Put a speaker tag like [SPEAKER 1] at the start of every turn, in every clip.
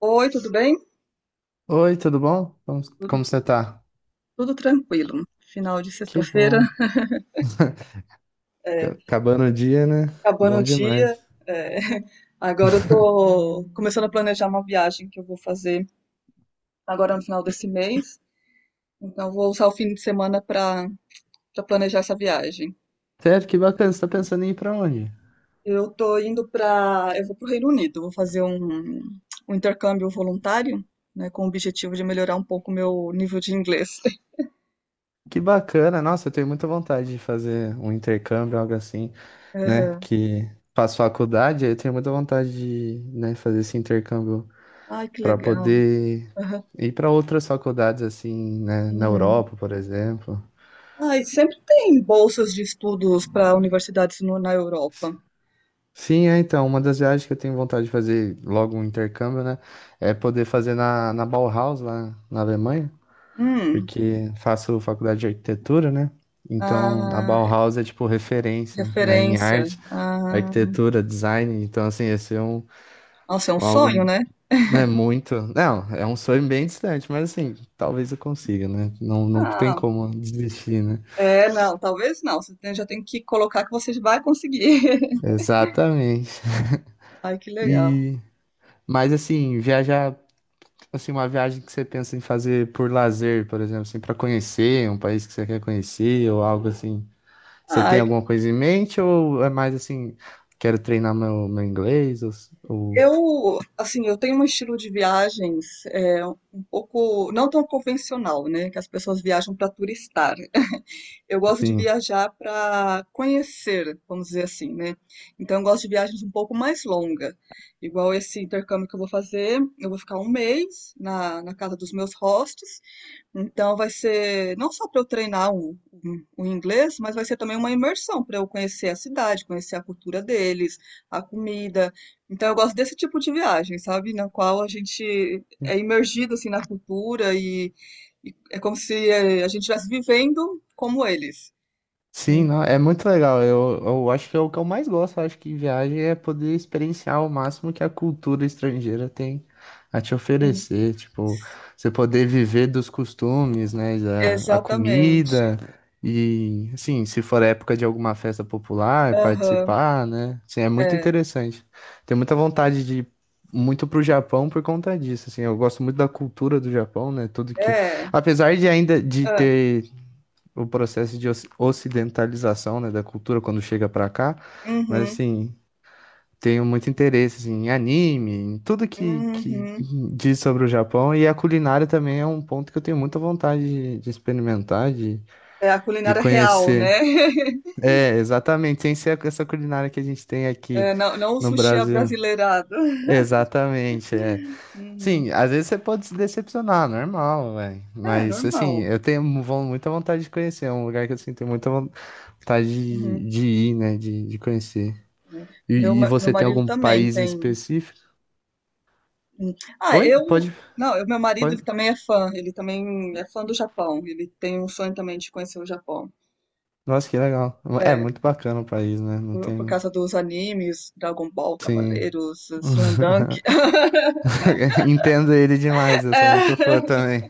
[SPEAKER 1] Oi, tudo bem?
[SPEAKER 2] Oi, tudo bom? Como,
[SPEAKER 1] Tudo,
[SPEAKER 2] como você tá?
[SPEAKER 1] tudo tranquilo. Final de
[SPEAKER 2] Que
[SPEAKER 1] sexta-feira,
[SPEAKER 2] bom.
[SPEAKER 1] é,
[SPEAKER 2] Acabando o dia, né?
[SPEAKER 1] acabando o
[SPEAKER 2] Bom demais.
[SPEAKER 1] dia. É. Agora eu tô começando a planejar uma viagem que eu vou fazer agora no final desse mês. Então eu vou usar o fim de semana para planejar essa viagem.
[SPEAKER 2] Sério, que bacana. Você tá pensando em ir pra onde?
[SPEAKER 1] Eu vou para o Reino Unido, vou fazer um intercâmbio voluntário, né, com o objetivo de melhorar um pouco o meu nível de inglês.
[SPEAKER 2] Que bacana. Nossa, eu tenho muita vontade de fazer um intercâmbio, algo assim, né?
[SPEAKER 1] Aham.
[SPEAKER 2] Que faço faculdade, aí eu tenho muita vontade de, né, fazer esse intercâmbio
[SPEAKER 1] Ai, que
[SPEAKER 2] pra
[SPEAKER 1] legal.
[SPEAKER 2] poder
[SPEAKER 1] Aham.
[SPEAKER 2] ir pra outras faculdades, assim, né? Na
[SPEAKER 1] Uhum.
[SPEAKER 2] Europa, por exemplo.
[SPEAKER 1] Ai, sempre tem bolsas de estudos para universidades na Europa.
[SPEAKER 2] Sim, é então, uma das viagens que eu tenho vontade de fazer logo um intercâmbio, né? É poder fazer na Bauhaus, lá na Alemanha,
[SPEAKER 1] Hum,
[SPEAKER 2] porque faço faculdade de arquitetura, né? Então, a
[SPEAKER 1] ah,
[SPEAKER 2] Bauhaus é tipo referência, né, em
[SPEAKER 1] referência.
[SPEAKER 2] arte,
[SPEAKER 1] Ah,
[SPEAKER 2] arquitetura, design. Então, assim, esse é um,
[SPEAKER 1] nossa, é um
[SPEAKER 2] um
[SPEAKER 1] sonho,
[SPEAKER 2] algo,
[SPEAKER 1] né?
[SPEAKER 2] né, muito. Não, é um sonho bem distante, mas assim, talvez eu consiga, né? Não, não tem
[SPEAKER 1] Ah,
[SPEAKER 2] como desistir, né?
[SPEAKER 1] é, não, talvez não. Já tem que colocar que você vai conseguir.
[SPEAKER 2] Exatamente.
[SPEAKER 1] Ai, que legal.
[SPEAKER 2] E, mas assim, viajar. Assim, uma viagem que você pensa em fazer por lazer, por exemplo, assim, para conhecer um país que você quer conhecer ou algo assim. Você tem
[SPEAKER 1] Ai,
[SPEAKER 2] alguma coisa em mente ou é mais assim, quero treinar meu inglês ou
[SPEAKER 1] eu, assim, eu tenho um estilo de viagens é, um pouco, não tão convencional, né? Que as pessoas viajam para turistar. Eu gosto de
[SPEAKER 2] sim?
[SPEAKER 1] viajar para conhecer, vamos dizer assim, né? Então, eu gosto de viagens um pouco mais longa. Igual esse intercâmbio que eu vou fazer, eu vou ficar um mês na casa dos meus hostes, então vai ser não só para eu treinar o inglês, mas vai ser também uma imersão para eu conhecer a cidade, conhecer a cultura deles, a comida. Então eu gosto desse tipo de viagem, sabe? Na qual a gente é imergido assim na cultura e é como se a gente estivesse vivendo como eles.
[SPEAKER 2] Sim,
[SPEAKER 1] Hum,
[SPEAKER 2] não, é muito legal. Eu acho que é o que eu mais gosto. Eu acho que em viagem é poder experienciar o máximo que a cultura estrangeira tem a te
[SPEAKER 1] Sim,
[SPEAKER 2] oferecer. Tipo, você poder viver dos costumes, né? da- A,
[SPEAKER 1] exatamente.
[SPEAKER 2] comida. E, assim, se for época de alguma festa popular,
[SPEAKER 1] Aham,
[SPEAKER 2] participar, né? Assim, é muito
[SPEAKER 1] é,
[SPEAKER 2] interessante. Tenho muita vontade de ir muito pro Japão por conta disso. Assim, eu gosto muito da cultura do Japão, né? Tudo que.
[SPEAKER 1] é,
[SPEAKER 2] Apesar de ainda de
[SPEAKER 1] é,
[SPEAKER 2] ter o processo de ocidentalização, né, da cultura quando chega pra cá, mas
[SPEAKER 1] uhum,
[SPEAKER 2] assim, tenho muito interesse assim, em anime, em tudo que
[SPEAKER 1] uhum.
[SPEAKER 2] diz sobre o Japão e a culinária também é um ponto que eu tenho muita vontade de experimentar, de,
[SPEAKER 1] É a
[SPEAKER 2] de
[SPEAKER 1] culinária real, né?
[SPEAKER 2] conhecer. É, exatamente, sem ser essa culinária que a gente tem aqui
[SPEAKER 1] É, não, não o
[SPEAKER 2] no
[SPEAKER 1] sushi
[SPEAKER 2] Brasil.
[SPEAKER 1] abrasileirado.
[SPEAKER 2] Exatamente, é.
[SPEAKER 1] Uhum.
[SPEAKER 2] Sim, às vezes você pode se decepcionar, normal, velho.
[SPEAKER 1] É
[SPEAKER 2] Mas assim,
[SPEAKER 1] normal.
[SPEAKER 2] eu tenho muita vontade de conhecer, é um lugar que eu sinto muita vontade
[SPEAKER 1] Uhum.
[SPEAKER 2] de ir, né? De conhecer.
[SPEAKER 1] É.
[SPEAKER 2] E,
[SPEAKER 1] Meu,
[SPEAKER 2] e
[SPEAKER 1] ma- meu
[SPEAKER 2] você tem
[SPEAKER 1] marido
[SPEAKER 2] algum
[SPEAKER 1] também
[SPEAKER 2] país em
[SPEAKER 1] tem.
[SPEAKER 2] específico?
[SPEAKER 1] Uhum. Ah,
[SPEAKER 2] Oi?
[SPEAKER 1] eu.
[SPEAKER 2] Pode,
[SPEAKER 1] Não, meu marido,
[SPEAKER 2] pode.
[SPEAKER 1] ele também é fã. Ele também é fã do Japão. Ele tem um sonho também de conhecer o Japão.
[SPEAKER 2] Nossa, que legal. É
[SPEAKER 1] É,
[SPEAKER 2] muito bacana o país, né? Não
[SPEAKER 1] por
[SPEAKER 2] tem.
[SPEAKER 1] causa dos animes, Dragon Ball,
[SPEAKER 2] Sim.
[SPEAKER 1] Cavaleiros, Slam Dunk.
[SPEAKER 2] Entendo ele demais, eu sou
[SPEAKER 1] É.
[SPEAKER 2] muito fã também.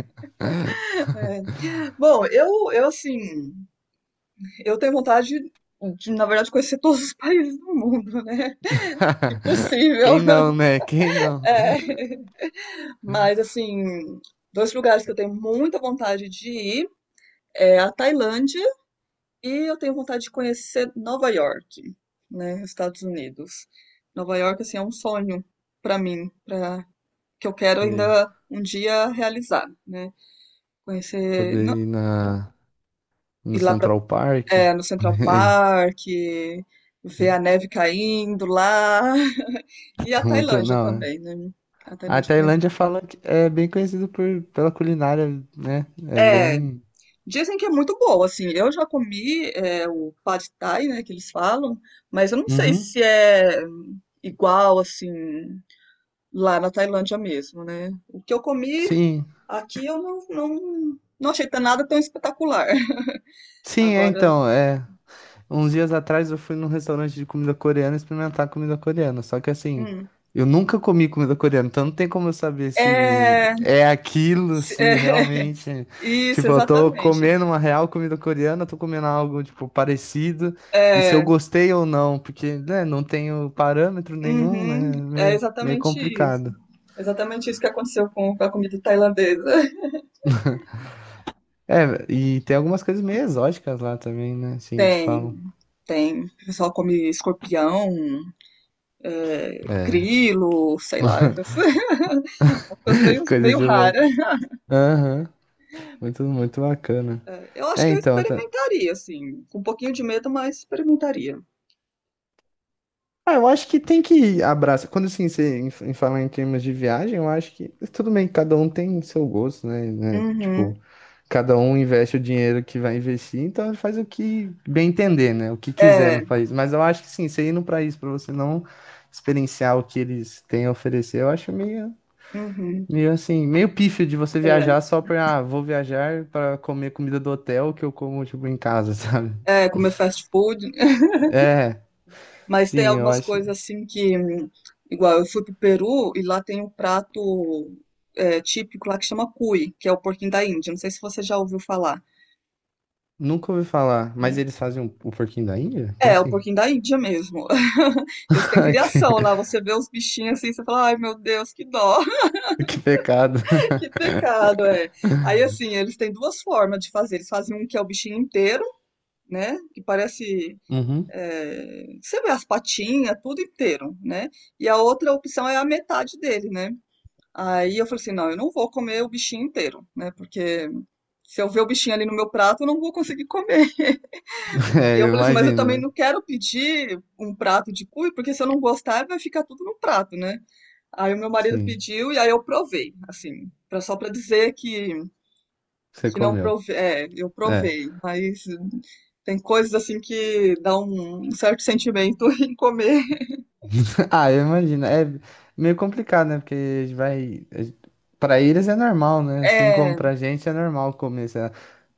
[SPEAKER 1] Bom, eu assim, eu tenho vontade de, na verdade, conhecer todos os países do mundo, né? Se possível.
[SPEAKER 2] Quem não, né? Quem não?
[SPEAKER 1] É. Mas assim, dois lugares que eu tenho muita vontade de ir. É a Tailândia e eu tenho vontade de conhecer Nova York, né, Estados Unidos. Nova York, assim, é um sonho para mim, para que eu quero
[SPEAKER 2] Sei.
[SPEAKER 1] ainda um dia realizar, né? Conhecer,
[SPEAKER 2] Poder
[SPEAKER 1] não,
[SPEAKER 2] ir na, no
[SPEAKER 1] ir lá pra,
[SPEAKER 2] Central Park.
[SPEAKER 1] é, no Central Park, ver a neve caindo lá, e a
[SPEAKER 2] Muito,
[SPEAKER 1] Tailândia
[SPEAKER 2] não. né?
[SPEAKER 1] também, né? A
[SPEAKER 2] A
[SPEAKER 1] Tailândia tem, um,
[SPEAKER 2] Tailândia fala que é bem conhecido pela culinária, né? É
[SPEAKER 1] é,
[SPEAKER 2] bem.
[SPEAKER 1] dizem que é muito boa, assim. Eu já comi é, o pad thai, né, que eles falam, mas eu não sei
[SPEAKER 2] Uhum.
[SPEAKER 1] se é igual, assim, lá na Tailândia mesmo, né? O que eu comi
[SPEAKER 2] Sim.
[SPEAKER 1] aqui eu não achei nada tão espetacular.
[SPEAKER 2] Sim, é
[SPEAKER 1] Agora,
[SPEAKER 2] então, é. Uns dias atrás eu fui num restaurante de comida coreana experimentar comida coreana. Só que assim,
[SPEAKER 1] hum,
[SPEAKER 2] eu nunca comi comida coreana, então não tem como eu saber se
[SPEAKER 1] é,
[SPEAKER 2] é aquilo,
[SPEAKER 1] é,
[SPEAKER 2] se realmente.
[SPEAKER 1] isso,
[SPEAKER 2] Tipo, eu tô
[SPEAKER 1] exatamente.
[SPEAKER 2] comendo uma real comida coreana, tô comendo algo, tipo, parecido, e se eu
[SPEAKER 1] É,
[SPEAKER 2] gostei ou não, porque, né, não tenho parâmetro nenhum,
[SPEAKER 1] uhum,
[SPEAKER 2] né?
[SPEAKER 1] é
[SPEAKER 2] Meio, meio
[SPEAKER 1] exatamente isso.
[SPEAKER 2] complicado.
[SPEAKER 1] Exatamente isso que aconteceu com a comida tailandesa.
[SPEAKER 2] É, e tem algumas coisas meio exóticas lá também, né? Assim, que
[SPEAKER 1] Tem,
[SPEAKER 2] falam.
[SPEAKER 1] tem. O pessoal come escorpião,
[SPEAKER 2] É.
[SPEAKER 1] grilo, sei lá, uma coisa meio,
[SPEAKER 2] Coisa
[SPEAKER 1] meio
[SPEAKER 2] de
[SPEAKER 1] rara.
[SPEAKER 2] louco. Aham. Muito, muito bacana.
[SPEAKER 1] Eu acho
[SPEAKER 2] É,
[SPEAKER 1] que eu
[SPEAKER 2] então, tá.
[SPEAKER 1] experimentaria, assim, com um pouquinho de medo, mas experimentaria.
[SPEAKER 2] Ah, eu acho que tem que abraçar. Quando assim, você em falar em termos de viagem, eu acho que tudo bem, cada um tem seu gosto, né? né?
[SPEAKER 1] Uhum.
[SPEAKER 2] Tipo, cada um investe o dinheiro que vai investir, então ele faz o que bem entender, né? O que quiser no
[SPEAKER 1] É,
[SPEAKER 2] país. Mas eu acho que sim, você ir no país para você não experienciar o que eles têm a oferecer, eu acho meio,
[SPEAKER 1] uhum.
[SPEAKER 2] meio assim, meio pífio de você
[SPEAKER 1] É,
[SPEAKER 2] viajar só pra, ah, vou viajar para comer comida do hotel que eu como, tipo, em casa, sabe?
[SPEAKER 1] é, comer fast food,
[SPEAKER 2] É.
[SPEAKER 1] mas tem
[SPEAKER 2] Sim, eu
[SPEAKER 1] algumas
[SPEAKER 2] acho.
[SPEAKER 1] coisas assim que, igual eu fui pro Peru e lá tem um prato é, típico lá que chama cuy, que é o porquinho da Índia. Não sei se você já ouviu falar.
[SPEAKER 2] Nunca ouvi falar, mas
[SPEAKER 1] Né?
[SPEAKER 2] eles fazem o porquinho da Índia? Como
[SPEAKER 1] É, o
[SPEAKER 2] assim?
[SPEAKER 1] porquinho da Índia mesmo. Eles têm
[SPEAKER 2] Ai,
[SPEAKER 1] criação lá, você vê os bichinhos assim, você fala, ai meu Deus, que dó.
[SPEAKER 2] que pecado.
[SPEAKER 1] Que pecado, é. Aí, assim, eles têm duas formas de fazer. Eles fazem um que é o bichinho inteiro, né? Que parece.
[SPEAKER 2] Uhum.
[SPEAKER 1] É, você vê as patinhas, tudo inteiro, né? E a outra opção é a metade dele, né? Aí eu falei assim: não, eu não vou comer o bichinho inteiro, né? Porque se eu ver o bichinho ali no meu prato, eu não vou conseguir comer. E
[SPEAKER 2] É,
[SPEAKER 1] eu
[SPEAKER 2] eu
[SPEAKER 1] falei assim: mas eu também
[SPEAKER 2] imagino.
[SPEAKER 1] não quero pedir um prato de cuy, porque se eu não gostar, vai ficar tudo no prato, né? Aí o meu marido
[SPEAKER 2] Sim,
[SPEAKER 1] pediu e aí eu provei, assim, pra, só pra dizer que
[SPEAKER 2] você
[SPEAKER 1] que não
[SPEAKER 2] comeu.
[SPEAKER 1] provei, é, eu
[SPEAKER 2] É.
[SPEAKER 1] provei, mas tem coisas assim que dá um certo sentimento em comer.
[SPEAKER 2] Ah, eu imagino. É meio complicado, né? Porque a gente vai. A gente- Pra eles é normal, né? Assim como
[SPEAKER 1] É,
[SPEAKER 2] pra gente é normal comer, sei lá,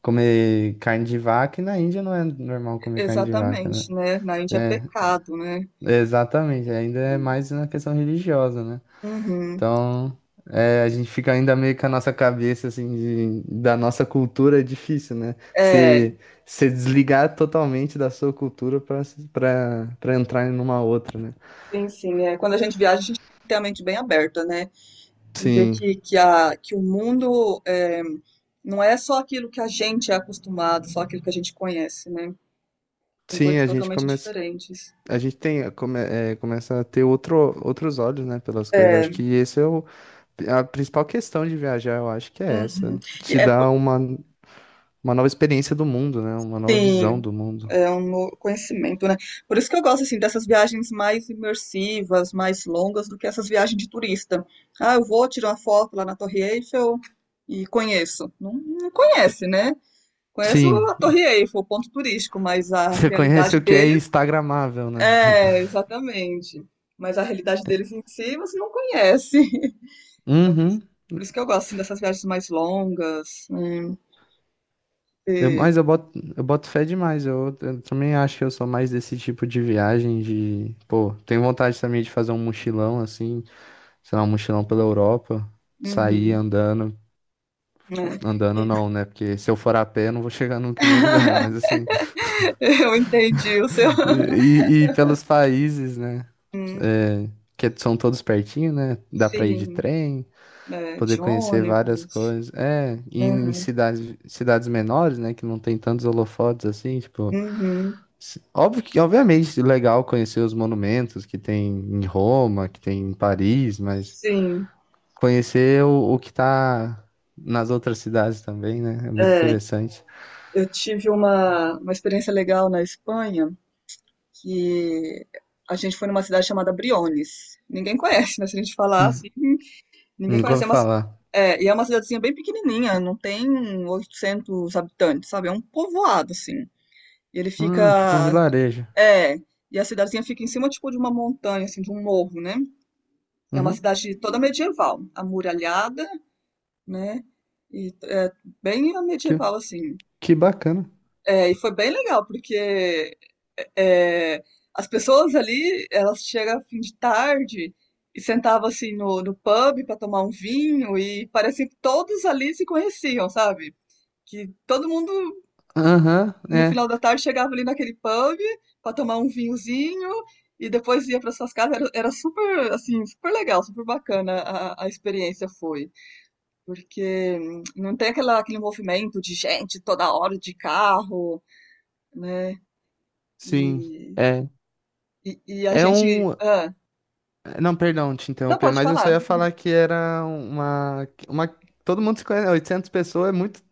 [SPEAKER 2] comer carne de vaca, e na Índia não é normal comer carne de vaca, né?
[SPEAKER 1] exatamente, né? Na Índia é
[SPEAKER 2] É,
[SPEAKER 1] pecado, né?
[SPEAKER 2] exatamente. Ainda é mais na questão religiosa, né?
[SPEAKER 1] Uhum.
[SPEAKER 2] Então, é, a gente fica ainda meio com a nossa cabeça, assim, de- da nossa cultura é difícil, né?
[SPEAKER 1] É,
[SPEAKER 2] Se desligar totalmente da sua cultura para entrar em uma outra, né?
[SPEAKER 1] sim, sim. É. Quando a gente viaja, a gente tem que ter a mente bem aberta, né? E ver
[SPEAKER 2] Sim,
[SPEAKER 1] que o mundo é, não é só aquilo que a gente é acostumado, só aquilo que a gente conhece, né? Tem
[SPEAKER 2] sim,
[SPEAKER 1] coisas
[SPEAKER 2] a gente
[SPEAKER 1] totalmente
[SPEAKER 2] começa,
[SPEAKER 1] diferentes.
[SPEAKER 2] a gente tem, come, é, começa a ter outro, outros olhos, né, pelas coisas. Acho
[SPEAKER 1] É,
[SPEAKER 2] que esse é o, a principal questão de viajar, eu acho que é
[SPEAKER 1] uhum.
[SPEAKER 2] essa.
[SPEAKER 1] E
[SPEAKER 2] Te
[SPEAKER 1] é,
[SPEAKER 2] dá uma nova experiência do mundo, né? Uma nova visão
[SPEAKER 1] sim,
[SPEAKER 2] do mundo.
[SPEAKER 1] é um novo conhecimento, né? Por isso que eu gosto assim dessas viagens mais imersivas, mais longas do que essas viagens de turista. Ah, eu vou tirar uma foto lá na Torre Eiffel e conheço. Não, não conhece, né? Conhece
[SPEAKER 2] Sim,
[SPEAKER 1] a Torre Eiffel, o ponto turístico, mas a
[SPEAKER 2] você conhece
[SPEAKER 1] realidade
[SPEAKER 2] o que é
[SPEAKER 1] deles
[SPEAKER 2] instagramável, né?
[SPEAKER 1] é exatamente. Mas a realidade deles em si você não conhece. Então, por isso,
[SPEAKER 2] Uhum.
[SPEAKER 1] por isso que eu gosto assim dessas viagens mais longas, né?
[SPEAKER 2] Eu-
[SPEAKER 1] E-
[SPEAKER 2] mas eu boto fé demais. Eu também acho que eu sou mais desse tipo de viagem de, pô, tenho vontade também de fazer um mochilão assim, sei lá, um mochilão pela Europa, sair
[SPEAKER 1] Uhum,
[SPEAKER 2] andando,
[SPEAKER 1] né?
[SPEAKER 2] andando
[SPEAKER 1] E-
[SPEAKER 2] não, né? Porque se eu for a pé, eu não vou chegar nunca em nenhum lugar, mas assim,
[SPEAKER 1] Eu entendi o seu.
[SPEAKER 2] e, e pelos países, né?
[SPEAKER 1] Hum,
[SPEAKER 2] É, que são todos pertinho, né? Dá pra ir de
[SPEAKER 1] sim,
[SPEAKER 2] trem,
[SPEAKER 1] é,
[SPEAKER 2] poder
[SPEAKER 1] de
[SPEAKER 2] conhecer várias
[SPEAKER 1] ônibus.
[SPEAKER 2] coisas. É, e em
[SPEAKER 1] Aham,
[SPEAKER 2] cidades, cidades menores, né? Que não tem tantos holofotes assim, tipo.
[SPEAKER 1] uhum,
[SPEAKER 2] Óbvio que, obviamente, legal conhecer os monumentos que tem em Roma, que tem em Paris, mas
[SPEAKER 1] sim,
[SPEAKER 2] conhecer o que tá nas outras cidades também, né? É muito
[SPEAKER 1] é,
[SPEAKER 2] interessante.
[SPEAKER 1] eu tive uma experiência legal na Espanha que a gente foi numa cidade chamada Briones. Ninguém conhece, né? Se a gente falar assim,
[SPEAKER 2] Hum,
[SPEAKER 1] ninguém
[SPEAKER 2] nunca
[SPEAKER 1] conhece.
[SPEAKER 2] ouvi
[SPEAKER 1] É uma, ci-
[SPEAKER 2] falar.
[SPEAKER 1] é, e é uma cidadezinha bem pequenininha, não tem 800 habitantes, sabe? É um povoado, assim. E ele
[SPEAKER 2] Ah, tipo um
[SPEAKER 1] fica.
[SPEAKER 2] vilarejo.
[SPEAKER 1] É, e a cidadezinha fica em cima, tipo, de uma montanha, assim, de um morro, né? É uma
[SPEAKER 2] Uhum,
[SPEAKER 1] cidade toda medieval, amuralhada, né? E é bem
[SPEAKER 2] que,
[SPEAKER 1] medieval, assim.
[SPEAKER 2] que bacana.
[SPEAKER 1] É, e foi bem legal, porque é, as pessoas ali, elas chegam a fim de tarde e sentavam, assim, no pub para tomar um vinho e parecia que todos ali se conheciam, sabe? Que todo mundo,
[SPEAKER 2] Aham,
[SPEAKER 1] no
[SPEAKER 2] é.
[SPEAKER 1] final da tarde, chegava ali naquele pub para tomar um vinhozinho e depois ia para suas casas. Era super, assim, super legal, super bacana a experiência foi. Porque não tem aquela, aquele movimento de gente toda hora de carro, né?
[SPEAKER 2] Sim.
[SPEAKER 1] E,
[SPEAKER 2] É.
[SPEAKER 1] e a
[SPEAKER 2] É
[SPEAKER 1] gente.
[SPEAKER 2] um.
[SPEAKER 1] Ah,
[SPEAKER 2] Não, perdão te
[SPEAKER 1] não
[SPEAKER 2] interromper,
[SPEAKER 1] pode
[SPEAKER 2] mas eu só
[SPEAKER 1] falar,
[SPEAKER 2] ia falar que era uma. Uma... Todo mundo se conhece, 800 pessoas é muito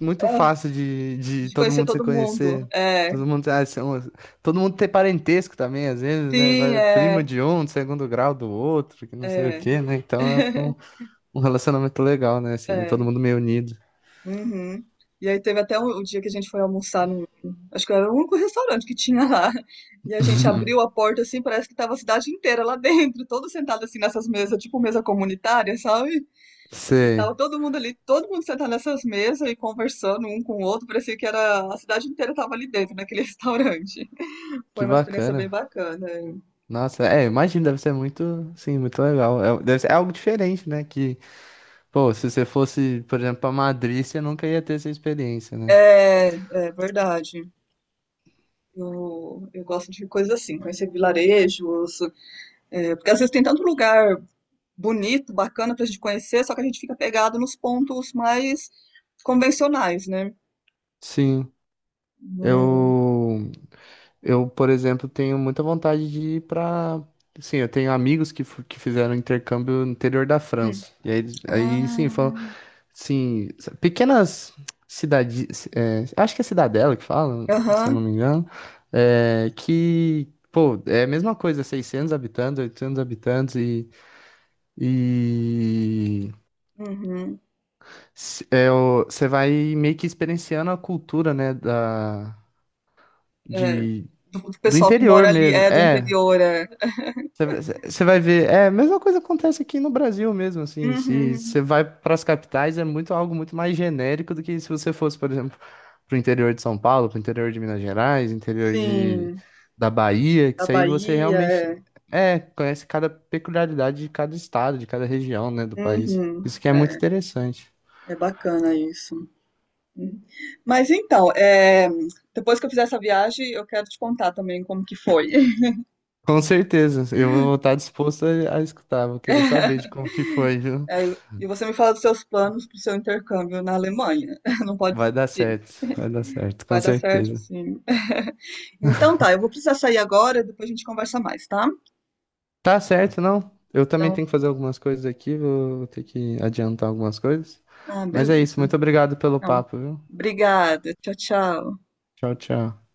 [SPEAKER 2] muito
[SPEAKER 1] ah,
[SPEAKER 2] fácil de
[SPEAKER 1] de
[SPEAKER 2] todo
[SPEAKER 1] conhecer
[SPEAKER 2] mundo se
[SPEAKER 1] todo mundo.
[SPEAKER 2] conhecer.
[SPEAKER 1] É,
[SPEAKER 2] Todo mundo, ah, são- todo mundo ter parentesco também, às vezes, né?
[SPEAKER 1] sim,
[SPEAKER 2] Vai, prima
[SPEAKER 1] é,
[SPEAKER 2] de um, do segundo grau do outro, que não sei o
[SPEAKER 1] é,
[SPEAKER 2] quê, né? Então é um, um relacionamento legal, né? Assim,
[SPEAKER 1] é,
[SPEAKER 2] todo mundo meio unido.
[SPEAKER 1] uhum. E aí teve até um, o dia que a gente foi almoçar num. Acho que era o único restaurante que tinha lá. E a gente abriu a porta assim, parece que tava a cidade inteira lá dentro, todos sentados assim nessas mesas, tipo mesa comunitária, sabe? E
[SPEAKER 2] Sei,
[SPEAKER 1] tava todo mundo ali, todo mundo sentado nessas mesas e conversando um com o outro, parecia que era a cidade inteira tava ali dentro, naquele restaurante. Foi
[SPEAKER 2] que
[SPEAKER 1] uma experiência bem
[SPEAKER 2] bacana.
[SPEAKER 1] bacana.
[SPEAKER 2] Nossa, é, imagino, deve ser muito, sim, muito legal. É, deve ser é algo diferente, né? Que, pô, se você fosse, por exemplo, pra Madrid, você nunca ia ter essa experiência, né?
[SPEAKER 1] É, é verdade. Eu gosto de coisas assim, conhecer vilarejos, é, porque às vezes tem tanto lugar bonito, bacana pra gente conhecer, só que a gente fica pegado nos pontos mais convencionais, né?
[SPEAKER 2] Sim,
[SPEAKER 1] No- no-
[SPEAKER 2] eu. Eu, por exemplo, tenho muita vontade de ir para. Sim, eu tenho amigos que, que fizeram intercâmbio no interior da
[SPEAKER 1] hum,
[SPEAKER 2] França. E aí, eles- aí sim, falam.
[SPEAKER 1] Ah,
[SPEAKER 2] Sim, pequenas cidades. Acho que é cidadela que fala, se eu não
[SPEAKER 1] aham,
[SPEAKER 2] me engano. É, que, pô, é a mesma coisa, 600 habitantes, 800 habitantes. E. E.
[SPEAKER 1] uhum,
[SPEAKER 2] é o- Você vai meio que experienciando a cultura, né? Da,
[SPEAKER 1] é,
[SPEAKER 2] de,
[SPEAKER 1] do
[SPEAKER 2] do
[SPEAKER 1] pessoal que
[SPEAKER 2] interior
[SPEAKER 1] mora ali,
[SPEAKER 2] mesmo.
[SPEAKER 1] é do
[SPEAKER 2] É,
[SPEAKER 1] interior, é.
[SPEAKER 2] você vai ver, é, a mesma coisa acontece aqui no Brasil mesmo, assim, se
[SPEAKER 1] Uhum.
[SPEAKER 2] você vai para as capitais é muito algo muito mais genérico do que se você fosse, por exemplo, para o interior de São Paulo, para o interior de Minas Gerais, interior de,
[SPEAKER 1] Sim,
[SPEAKER 2] da Bahia, que
[SPEAKER 1] a
[SPEAKER 2] isso aí você
[SPEAKER 1] Bahia
[SPEAKER 2] realmente,
[SPEAKER 1] é.
[SPEAKER 2] é, conhece cada peculiaridade de cada estado, de cada região, né, do país.
[SPEAKER 1] Uhum.
[SPEAKER 2] Isso que é muito
[SPEAKER 1] É,
[SPEAKER 2] interessante.
[SPEAKER 1] é bacana isso. Uhum. Mas então, é, depois que eu fizer essa viagem, eu quero te contar também como que foi.
[SPEAKER 2] Com certeza, eu vou estar disposto a escutar, vou querer saber de como que foi, viu?
[SPEAKER 1] É, e você me fala dos seus planos para o seu intercâmbio na Alemanha. Não pode desistir.
[SPEAKER 2] Vai dar certo, com
[SPEAKER 1] Vai dar certo,
[SPEAKER 2] certeza.
[SPEAKER 1] sim. Então tá, eu vou precisar sair agora, depois a gente conversa mais, tá?
[SPEAKER 2] Tá certo, não. Eu também
[SPEAKER 1] Então,
[SPEAKER 2] tenho que fazer algumas coisas aqui, vou ter que adiantar algumas coisas.
[SPEAKER 1] ah,
[SPEAKER 2] Mas é isso,
[SPEAKER 1] beleza.
[SPEAKER 2] muito obrigado pelo
[SPEAKER 1] Então,
[SPEAKER 2] papo, viu?
[SPEAKER 1] obrigada. Tchau, tchau.
[SPEAKER 2] Tchau, tchau.